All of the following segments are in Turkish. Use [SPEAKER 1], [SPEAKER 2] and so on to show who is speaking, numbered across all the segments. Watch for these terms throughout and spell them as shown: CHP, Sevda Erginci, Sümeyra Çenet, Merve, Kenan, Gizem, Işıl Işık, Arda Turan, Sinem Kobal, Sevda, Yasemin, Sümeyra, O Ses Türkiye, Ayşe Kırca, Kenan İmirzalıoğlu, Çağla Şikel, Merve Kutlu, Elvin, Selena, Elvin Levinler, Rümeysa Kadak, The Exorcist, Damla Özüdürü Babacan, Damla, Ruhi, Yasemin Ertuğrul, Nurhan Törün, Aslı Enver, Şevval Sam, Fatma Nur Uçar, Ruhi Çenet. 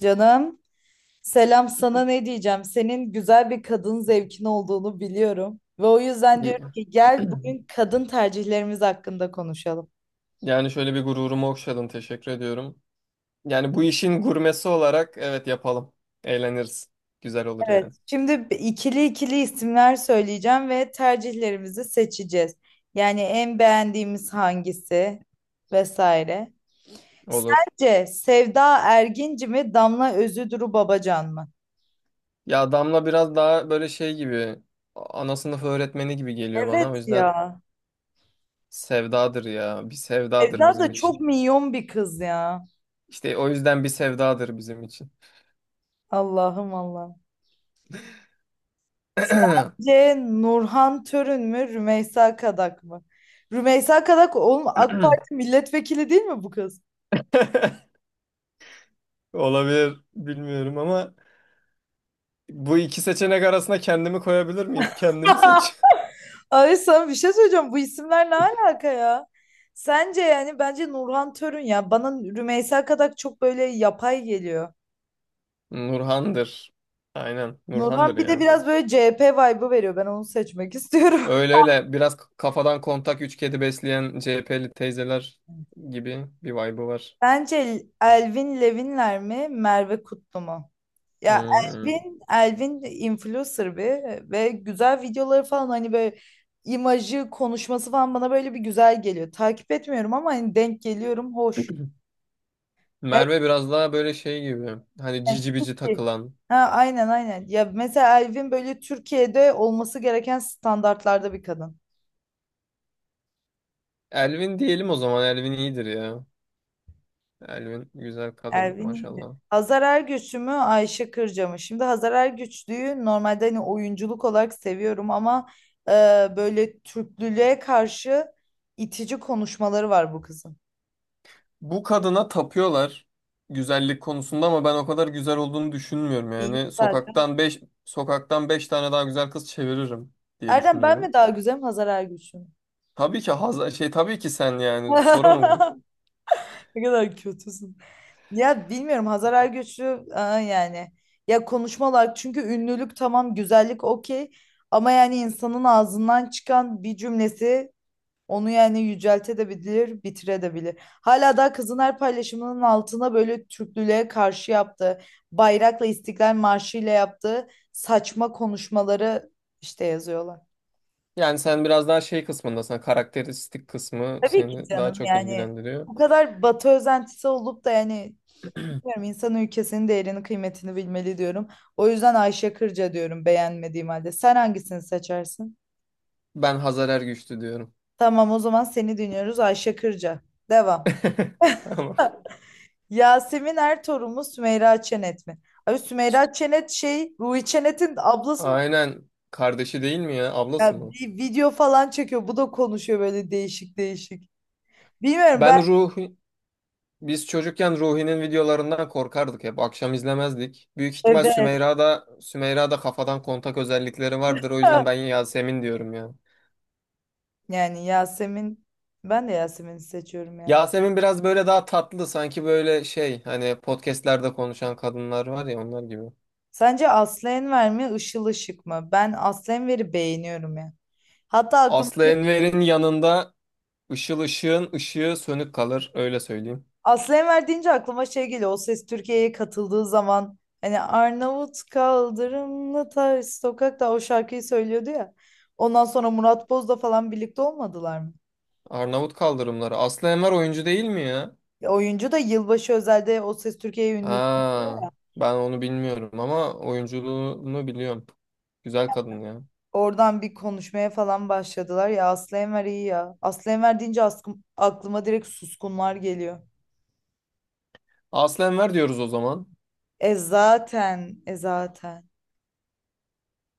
[SPEAKER 1] Canım, selam sana ne diyeceğim? Senin güzel bir kadın zevkin olduğunu biliyorum. Ve o yüzden
[SPEAKER 2] İyi.
[SPEAKER 1] diyorum ki gel bugün kadın tercihlerimiz hakkında konuşalım.
[SPEAKER 2] Yani şöyle bir gururumu okşadın. Teşekkür ediyorum. Yani bu işin gurmesi olarak evet yapalım. Eğleniriz. Güzel olur yani.
[SPEAKER 1] Evet. Şimdi ikili ikili isimler söyleyeceğim ve tercihlerimizi seçeceğiz. Yani en beğendiğimiz hangisi vesaire.
[SPEAKER 2] Olur.
[SPEAKER 1] Sence Sevda Erginci mi Damla Özüdürü Babacan mı?
[SPEAKER 2] Ya Damla biraz daha böyle şey gibi ana sınıf öğretmeni gibi geliyor bana. O
[SPEAKER 1] Evet
[SPEAKER 2] yüzden
[SPEAKER 1] ya.
[SPEAKER 2] sevdadır ya. Bir sevdadır
[SPEAKER 1] Sevda
[SPEAKER 2] bizim
[SPEAKER 1] da
[SPEAKER 2] için.
[SPEAKER 1] çok minyon bir kız ya.
[SPEAKER 2] İşte o yüzden bir sevdadır bizim için.
[SPEAKER 1] Allah'ım Allah. Sence Nurhan Törün mü, Rümeysa Kadak mı? Rümeysa Kadak oğlum AK Parti milletvekili değil mi bu kız?
[SPEAKER 2] Olabilir. Bilmiyorum ama bu iki seçenek arasında kendimi koyabilir miyim? Kendimi seç.
[SPEAKER 1] Ay sana bir şey söyleyeceğim. Bu isimler ne alaka ya? Sence yani bence Nurhan Törün ya. Bana Rümeysa Kadak çok böyle yapay geliyor.
[SPEAKER 2] Nurhan'dır. Aynen Nurhan'dır
[SPEAKER 1] Nurhan bir de
[SPEAKER 2] ya.
[SPEAKER 1] biraz böyle CHP vibe'ı veriyor. Ben onu seçmek istiyorum.
[SPEAKER 2] Öyle öyle biraz kafadan kontak üç kedi besleyen CHP'li teyzeler gibi bir vibe'ı var.
[SPEAKER 1] Bence Elvin Levinler mi, Merve Kutlu mu? Ya
[SPEAKER 2] Hmm.
[SPEAKER 1] Elvin influencer bir ve güzel videoları falan hani böyle imajı, konuşması falan bana böyle bir güzel geliyor. Takip etmiyorum ama hani denk geliyorum hoş.
[SPEAKER 2] Merve biraz daha böyle şey gibi. Hani
[SPEAKER 1] Evet,
[SPEAKER 2] cici bici
[SPEAKER 1] evet.
[SPEAKER 2] takılan.
[SPEAKER 1] Ha, aynen aynen. Ya mesela Elvin böyle Türkiye'de olması gereken standartlarda bir kadın.
[SPEAKER 2] Elvin diyelim o zaman. Elvin iyidir ya. Elvin güzel kadın
[SPEAKER 1] Elvin iyiydi.
[SPEAKER 2] maşallah.
[SPEAKER 1] Hazar Ergüç'ü mü Ayşe Kırca mı? Şimdi Hazar Ergüçlü'yü normalde hani oyunculuk olarak seviyorum ama e, böyle Türklülüğe karşı itici konuşmaları var bu kızın.
[SPEAKER 2] Bu kadına tapıyorlar güzellik konusunda ama ben o kadar güzel olduğunu düşünmüyorum
[SPEAKER 1] İyi
[SPEAKER 2] yani.
[SPEAKER 1] zaten.
[SPEAKER 2] Sokaktan 5 tane daha güzel kız çeviririm diye
[SPEAKER 1] Erdem ben mi
[SPEAKER 2] düşünüyorum.
[SPEAKER 1] daha güzelim Hazar Ergüç'üm?
[SPEAKER 2] Tabii ki haz şey tabii ki sen yani soru mu bu?
[SPEAKER 1] Ne kadar kötüsün. Ya bilmiyorum Hazar Ergüç'ü yani. Ya konuşmalar çünkü ünlülük tamam güzellik okey. Ama yani insanın ağzından çıkan bir cümlesi onu yani yüceltebilir, bitirebilir. Hala daha kızın her paylaşımının altına böyle Türklülüğe karşı yaptığı, bayrakla İstiklal Marşı ile yaptığı saçma konuşmaları işte yazıyorlar.
[SPEAKER 2] Yani sen biraz daha şey kısmındasın. Karakteristik kısmı
[SPEAKER 1] Tabii ki
[SPEAKER 2] seni daha
[SPEAKER 1] canım
[SPEAKER 2] çok
[SPEAKER 1] yani
[SPEAKER 2] ilgilendiriyor.
[SPEAKER 1] bu kadar Batı özentisi olup da yani bilmiyorum insan ülkesinin değerini kıymetini bilmeli diyorum. O yüzden Ayşe Kırca diyorum beğenmediğim halde. Sen hangisini seçersin?
[SPEAKER 2] Ben Hazar Ergüçlü diyorum.
[SPEAKER 1] Tamam o zaman seni dinliyoruz Ayşe Kırca. Devam.
[SPEAKER 2] Ama
[SPEAKER 1] Yasemin Ertuğrul mu Sümeyra Çenet mi? Abi Sümeyra Çenet şey Ruhi Çenet'in ablası mı?
[SPEAKER 2] aynen kardeşi değil mi ya? Ablası
[SPEAKER 1] Ya
[SPEAKER 2] mı?
[SPEAKER 1] bir video falan çekiyor. Bu da konuşuyor böyle değişik değişik. Bilmiyorum ben
[SPEAKER 2] Ben Ruhi biz çocukken Ruhi'nin videolarından korkardık hep. Akşam izlemezdik. Büyük ihtimal
[SPEAKER 1] evet.
[SPEAKER 2] Sümeyra'da kafadan kontak özellikleri vardır. O yüzden ben Yasemin diyorum ya.
[SPEAKER 1] Yani Yasemin ben de Yasemin'i seçiyorum ya.
[SPEAKER 2] Yasemin biraz böyle daha tatlı sanki böyle şey hani podcastlerde konuşan kadınlar var ya onlar gibi.
[SPEAKER 1] Sence Aslı Enver mi, Işıl Işık mı? Ben Aslı Enver'i beğeniyorum ya. Hatta aklıma
[SPEAKER 2] Aslı
[SPEAKER 1] şey,
[SPEAKER 2] Enver'in yanında ışıl ışığın ışığı sönük kalır öyle söyleyeyim.
[SPEAKER 1] Aslı Enver deyince aklıma şey geliyor. O Ses Türkiye'ye katıldığı zaman hani Arnavut kaldırımlı ters sokakta o şarkıyı söylüyordu ya. Ondan sonra Murat Boz'la falan birlikte olmadılar mı?
[SPEAKER 2] Arnavut kaldırımları. Aslı Enver oyuncu değil mi ya?
[SPEAKER 1] Ya oyuncu da yılbaşı özelde O Ses Türkiye'ye ünlü.
[SPEAKER 2] Ha, ben onu bilmiyorum ama oyunculuğunu biliyorum. Güzel kadın ya.
[SPEAKER 1] Oradan bir konuşmaya falan başladılar. Ya Aslı Enver iyi ya. Aslı Enver deyince aklıma direkt suskunlar geliyor.
[SPEAKER 2] Aslı Enver diyoruz o zaman.
[SPEAKER 1] E zaten, e zaten.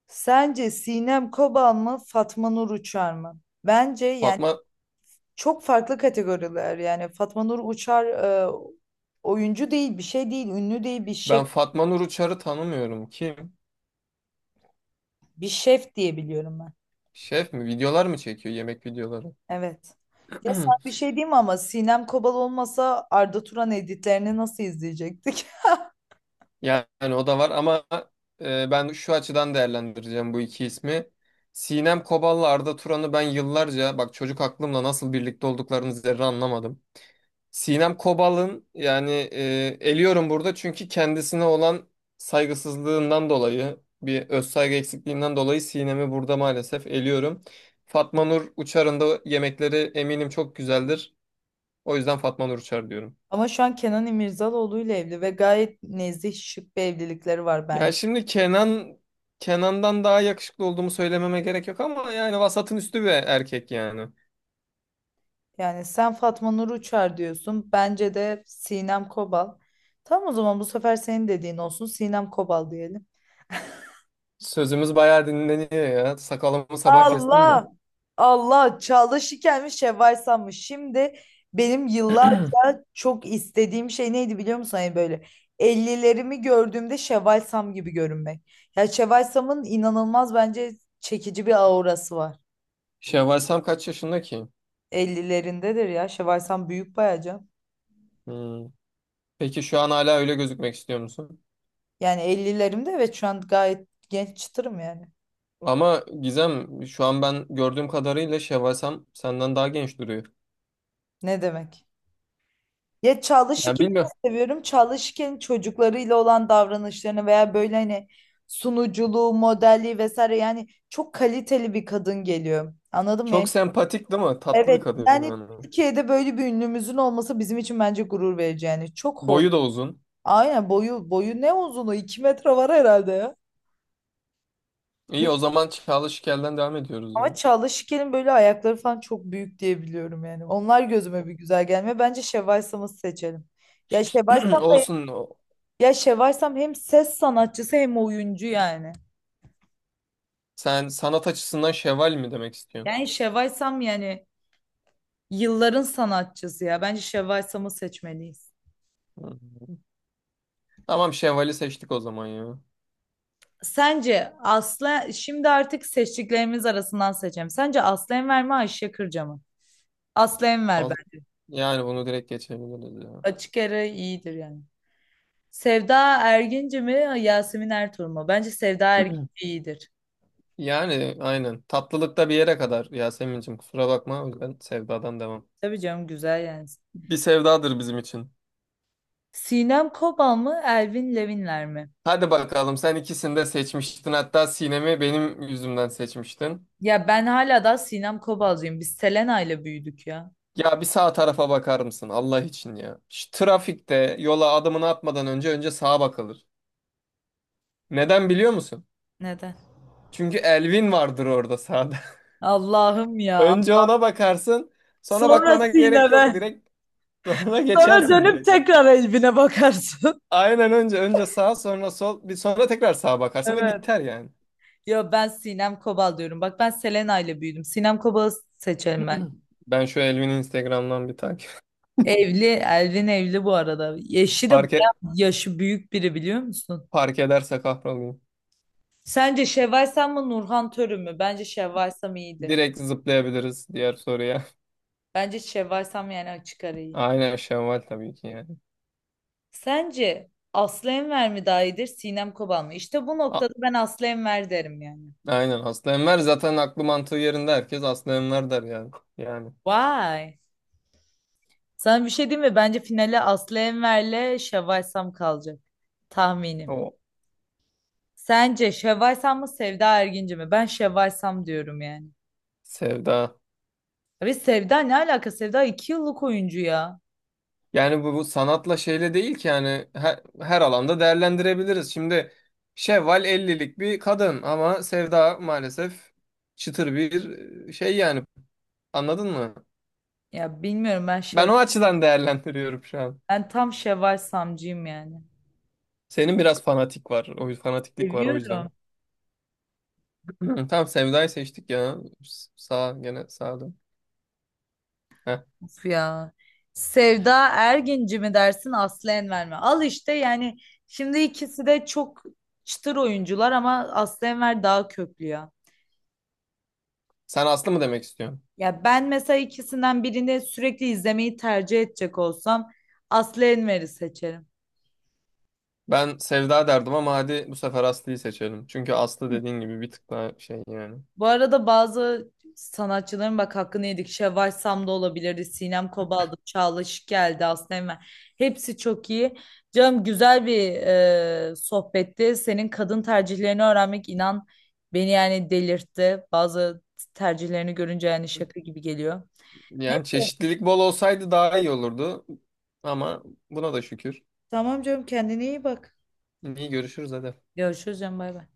[SPEAKER 1] Sence Sinem Kobal mı Fatma Nur Uçar mı? Bence yani
[SPEAKER 2] Fatma
[SPEAKER 1] çok farklı kategoriler. Yani Fatma Nur Uçar oyuncu değil, bir şey değil, ünlü değil, bir şef,
[SPEAKER 2] ben Fatma Nur Uçar'ı tanımıyorum. Kim?
[SPEAKER 1] bir şef diye biliyorum ben.
[SPEAKER 2] Şef mi? Videolar mı çekiyor? Yemek videoları.
[SPEAKER 1] Evet. Ya sen bir şey diyeyim mi ama Sinem Kobal olmasa Arda Turan editlerini nasıl izleyecektik?
[SPEAKER 2] Yani o da var ama ben şu açıdan değerlendireceğim bu iki ismi. Sinem Kobal'la Arda Turan'ı ben yıllarca bak çocuk aklımla nasıl birlikte olduklarını zerre anlamadım. Sinem Kobal'ın yani eliyorum burada çünkü kendisine olan saygısızlığından dolayı bir özsaygı eksikliğinden dolayı Sinem'i burada maalesef eliyorum. Fatma Nur Uçar'ın da yemekleri eminim çok güzeldir. O yüzden Fatma Nur Uçar diyorum.
[SPEAKER 1] Ama şu an Kenan İmirzalıoğlu ile evli ve gayet nezih şık bir evlilikleri var
[SPEAKER 2] Ya
[SPEAKER 1] bence.
[SPEAKER 2] şimdi Kenan'dan daha yakışıklı olduğumu söylememe gerek yok ama yani vasatın üstü bir erkek yani.
[SPEAKER 1] Yani sen Fatma Nur Uçar diyorsun. Bence de Sinem Kobal. Tamam o zaman bu sefer senin dediğin olsun. Sinem Kobal diyelim.
[SPEAKER 2] Sözümüz bayağı dinleniyor ya. Sakalımı sabah kestim de.
[SPEAKER 1] Allah! Allah! Çağla Şikel'miş, Şevval Sam'mış. Şimdi benim yıllarca çok istediğim şey neydi biliyor musun? Hani böyle ellilerimi gördüğümde Şevval Sam gibi görünmek. Ya Şevval Sam'ın inanılmaz bence çekici bir aurası var.
[SPEAKER 2] Şevval Sam kaç yaşında ki?
[SPEAKER 1] Ellilerindedir ya. Şevval Sam büyük bayağı canım.
[SPEAKER 2] Hmm. Peki şu an hala öyle gözükmek istiyor musun?
[SPEAKER 1] Yani 50'lerimde evet şu an gayet genç çıtırım yani.
[SPEAKER 2] Ama Gizem şu an ben gördüğüm kadarıyla Şevval Sam senden daha genç duruyor.
[SPEAKER 1] Ne demek? Ya Çağla
[SPEAKER 2] Yani
[SPEAKER 1] Şikel'i
[SPEAKER 2] bilmiyorum.
[SPEAKER 1] de seviyorum. Çağla Şikel'in çocuklarıyla olan davranışlarını veya böyle hani sunuculuğu, modelliği vesaire yani çok kaliteli bir kadın geliyor. Anladın mı?
[SPEAKER 2] Çok
[SPEAKER 1] Yani,
[SPEAKER 2] sempatik değil mi? Tatlı bir
[SPEAKER 1] evet
[SPEAKER 2] kadın
[SPEAKER 1] yani
[SPEAKER 2] yani.
[SPEAKER 1] Türkiye'de böyle bir ünlümüzün olması bizim için bence gurur verici yani. Çok hoş.
[SPEAKER 2] Boyu da uzun.
[SPEAKER 1] Aynen boyu boyu ne uzunu 2 metre var herhalde ya. Ne-
[SPEAKER 2] İyi o zaman Çağla Şikel'den devam ediyoruz ya.
[SPEAKER 1] Ama Çağla Şikel'in böyle ayakları falan çok büyük diye biliyorum yani. Onlar gözüme bir güzel gelmiyor. Bence Şevval Sam'ı seçelim. Ya Şevval Sam da
[SPEAKER 2] Olsun.
[SPEAKER 1] Ya Şevval Sam hem ses sanatçısı hem oyuncu yani.
[SPEAKER 2] Sen sanat açısından şeval mi demek istiyorsun?
[SPEAKER 1] Yani Şevval Sam yani yılların sanatçısı ya. Bence Şevval Sam'ı seçmeliyiz.
[SPEAKER 2] Hı. Tamam şevali seçtik o zaman ya.
[SPEAKER 1] Sence Aslı şimdi artık seçtiklerimiz arasından seçeceğim. Sence Aslı Enver mi Ayşe Kırca mı? Aslı Enver
[SPEAKER 2] Al-
[SPEAKER 1] ben.
[SPEAKER 2] Yani bunu direkt geçebiliriz ya.
[SPEAKER 1] Açık ara iyidir yani. Sevda Erginci mi Yasemin Ertuğrul mu? Bence Sevda Erginci iyidir.
[SPEAKER 2] Yani aynen. Tatlılıkta bir yere kadar Yasemin'cim kusura bakma. O yüzden sevdadan devam.
[SPEAKER 1] Tabii canım güzel yani.
[SPEAKER 2] Bir sevdadır bizim için.
[SPEAKER 1] Sinem Kobal mı Elvin Levinler mi?
[SPEAKER 2] Hadi bakalım sen ikisini de seçmiştin. Hatta Sinem'i benim yüzümden seçmiştin.
[SPEAKER 1] Ya ben hala da Sinem Kobalcıyım. Biz Selena ile büyüdük ya.
[SPEAKER 2] Ya bir sağ tarafa bakar mısın Allah için ya. Şu trafikte yola adımını atmadan önce sağa bakılır. Neden biliyor musun?
[SPEAKER 1] Neden?
[SPEAKER 2] Çünkü Elvin vardır orada sağda.
[SPEAKER 1] Allah'ım ya.
[SPEAKER 2] Önce ona bakarsın. Sonra
[SPEAKER 1] Sonra
[SPEAKER 2] bakmana gerek yok.
[SPEAKER 1] Sinem'e.
[SPEAKER 2] Direkt sonra
[SPEAKER 1] Sonra
[SPEAKER 2] geçersin
[SPEAKER 1] dönüp
[SPEAKER 2] direkt.
[SPEAKER 1] tekrar Elvin'e bakarsın.
[SPEAKER 2] Aynen önce sağ sonra sol bir sonra tekrar sağa bakarsın ve
[SPEAKER 1] Evet.
[SPEAKER 2] biter yani.
[SPEAKER 1] Yo ben Sinem Kobal diyorum. Bak ben Selena ile büyüdüm. Sinem Kobal'ı seçerim ben.
[SPEAKER 2] Ben şu Elvin'i Instagram'dan bir takip.
[SPEAKER 1] Evli, Elvin evli bu arada. Eşi de
[SPEAKER 2] Fark, e-
[SPEAKER 1] bayağı yaşı büyük biri biliyor musun?
[SPEAKER 2] fark ederse kahrolayım.
[SPEAKER 1] Sence Şevval Sam mı Nurhan Törü mü? Bence Şevval Sam iyidir.
[SPEAKER 2] Direkt zıplayabiliriz diğer soruya.
[SPEAKER 1] Bence Şevval Sam yani açık ara iyi.
[SPEAKER 2] Aynen Şevval tabii ki yani.
[SPEAKER 1] Sence Aslı Enver mi daha iyidir, Sinem Kobal mı? İşte bu
[SPEAKER 2] A-
[SPEAKER 1] noktada ben Aslı Enver derim yani.
[SPEAKER 2] Aynen Aslı Enver zaten aklı mantığı yerinde herkes Aslı Enver der yani. Yani
[SPEAKER 1] Vay. Sana bir şey diyeyim mi? Bence finale Aslı Enver'le Şevval Sam kalacak. Tahminim.
[SPEAKER 2] o
[SPEAKER 1] Sence Şevval Sam mı Sevda Erginci mi? Ben Şevval Sam diyorum yani.
[SPEAKER 2] sevda.
[SPEAKER 1] Abi Sevda ne alaka? Sevda iki yıllık oyuncu ya.
[SPEAKER 2] Yani bu, bu sanatla şeyle değil ki yani her, her alanda değerlendirebiliriz. Şimdi Şevval 50'lik bir kadın ama Sevda maalesef çıtır bir şey yani anladın mı?
[SPEAKER 1] Ya bilmiyorum ben
[SPEAKER 2] Ben
[SPEAKER 1] Şevval.
[SPEAKER 2] o açıdan değerlendiriyorum şu an.
[SPEAKER 1] Ben tam Şevval Samcıyım yani.
[SPEAKER 2] Senin biraz fanatik var. Fanatiklik var o yüzden.
[SPEAKER 1] Seviyorum.
[SPEAKER 2] Tamam Sevda'yı seçtik ya. Sağ gene sağda. Heh.
[SPEAKER 1] Of ya. Sevda Erginci mi dersin Aslı Enver mi? Al işte yani şimdi ikisi de çok çıtır oyuncular ama Aslı Enver daha köklü ya.
[SPEAKER 2] Sen Aslı mı demek istiyorsun?
[SPEAKER 1] Ya ben mesela ikisinden birini sürekli izlemeyi tercih edecek olsam Aslı Enver'i seçerim.
[SPEAKER 2] Ben Sevda derdim ama hadi bu sefer Aslı'yı seçelim. Çünkü Aslı dediğin gibi bir tık daha şey yani.
[SPEAKER 1] Bu arada bazı sanatçıların bak hakkını yedik. Şevval Sam da olabilirdi. Sinem Kobal'dı. Çağla Şık geldi. Aslı Enver. Hepsi çok iyi. Canım güzel bir sohbetti. Senin kadın tercihlerini öğrenmek inan beni yani delirtti. Bazı tercihlerini görünce yani şaka gibi geliyor. Ne?
[SPEAKER 2] Yani çeşitlilik bol olsaydı daha iyi olurdu. Ama buna da şükür.
[SPEAKER 1] Tamam canım kendine iyi bak.
[SPEAKER 2] İyi görüşürüz hadi.
[SPEAKER 1] Görüşürüz canım bay bay.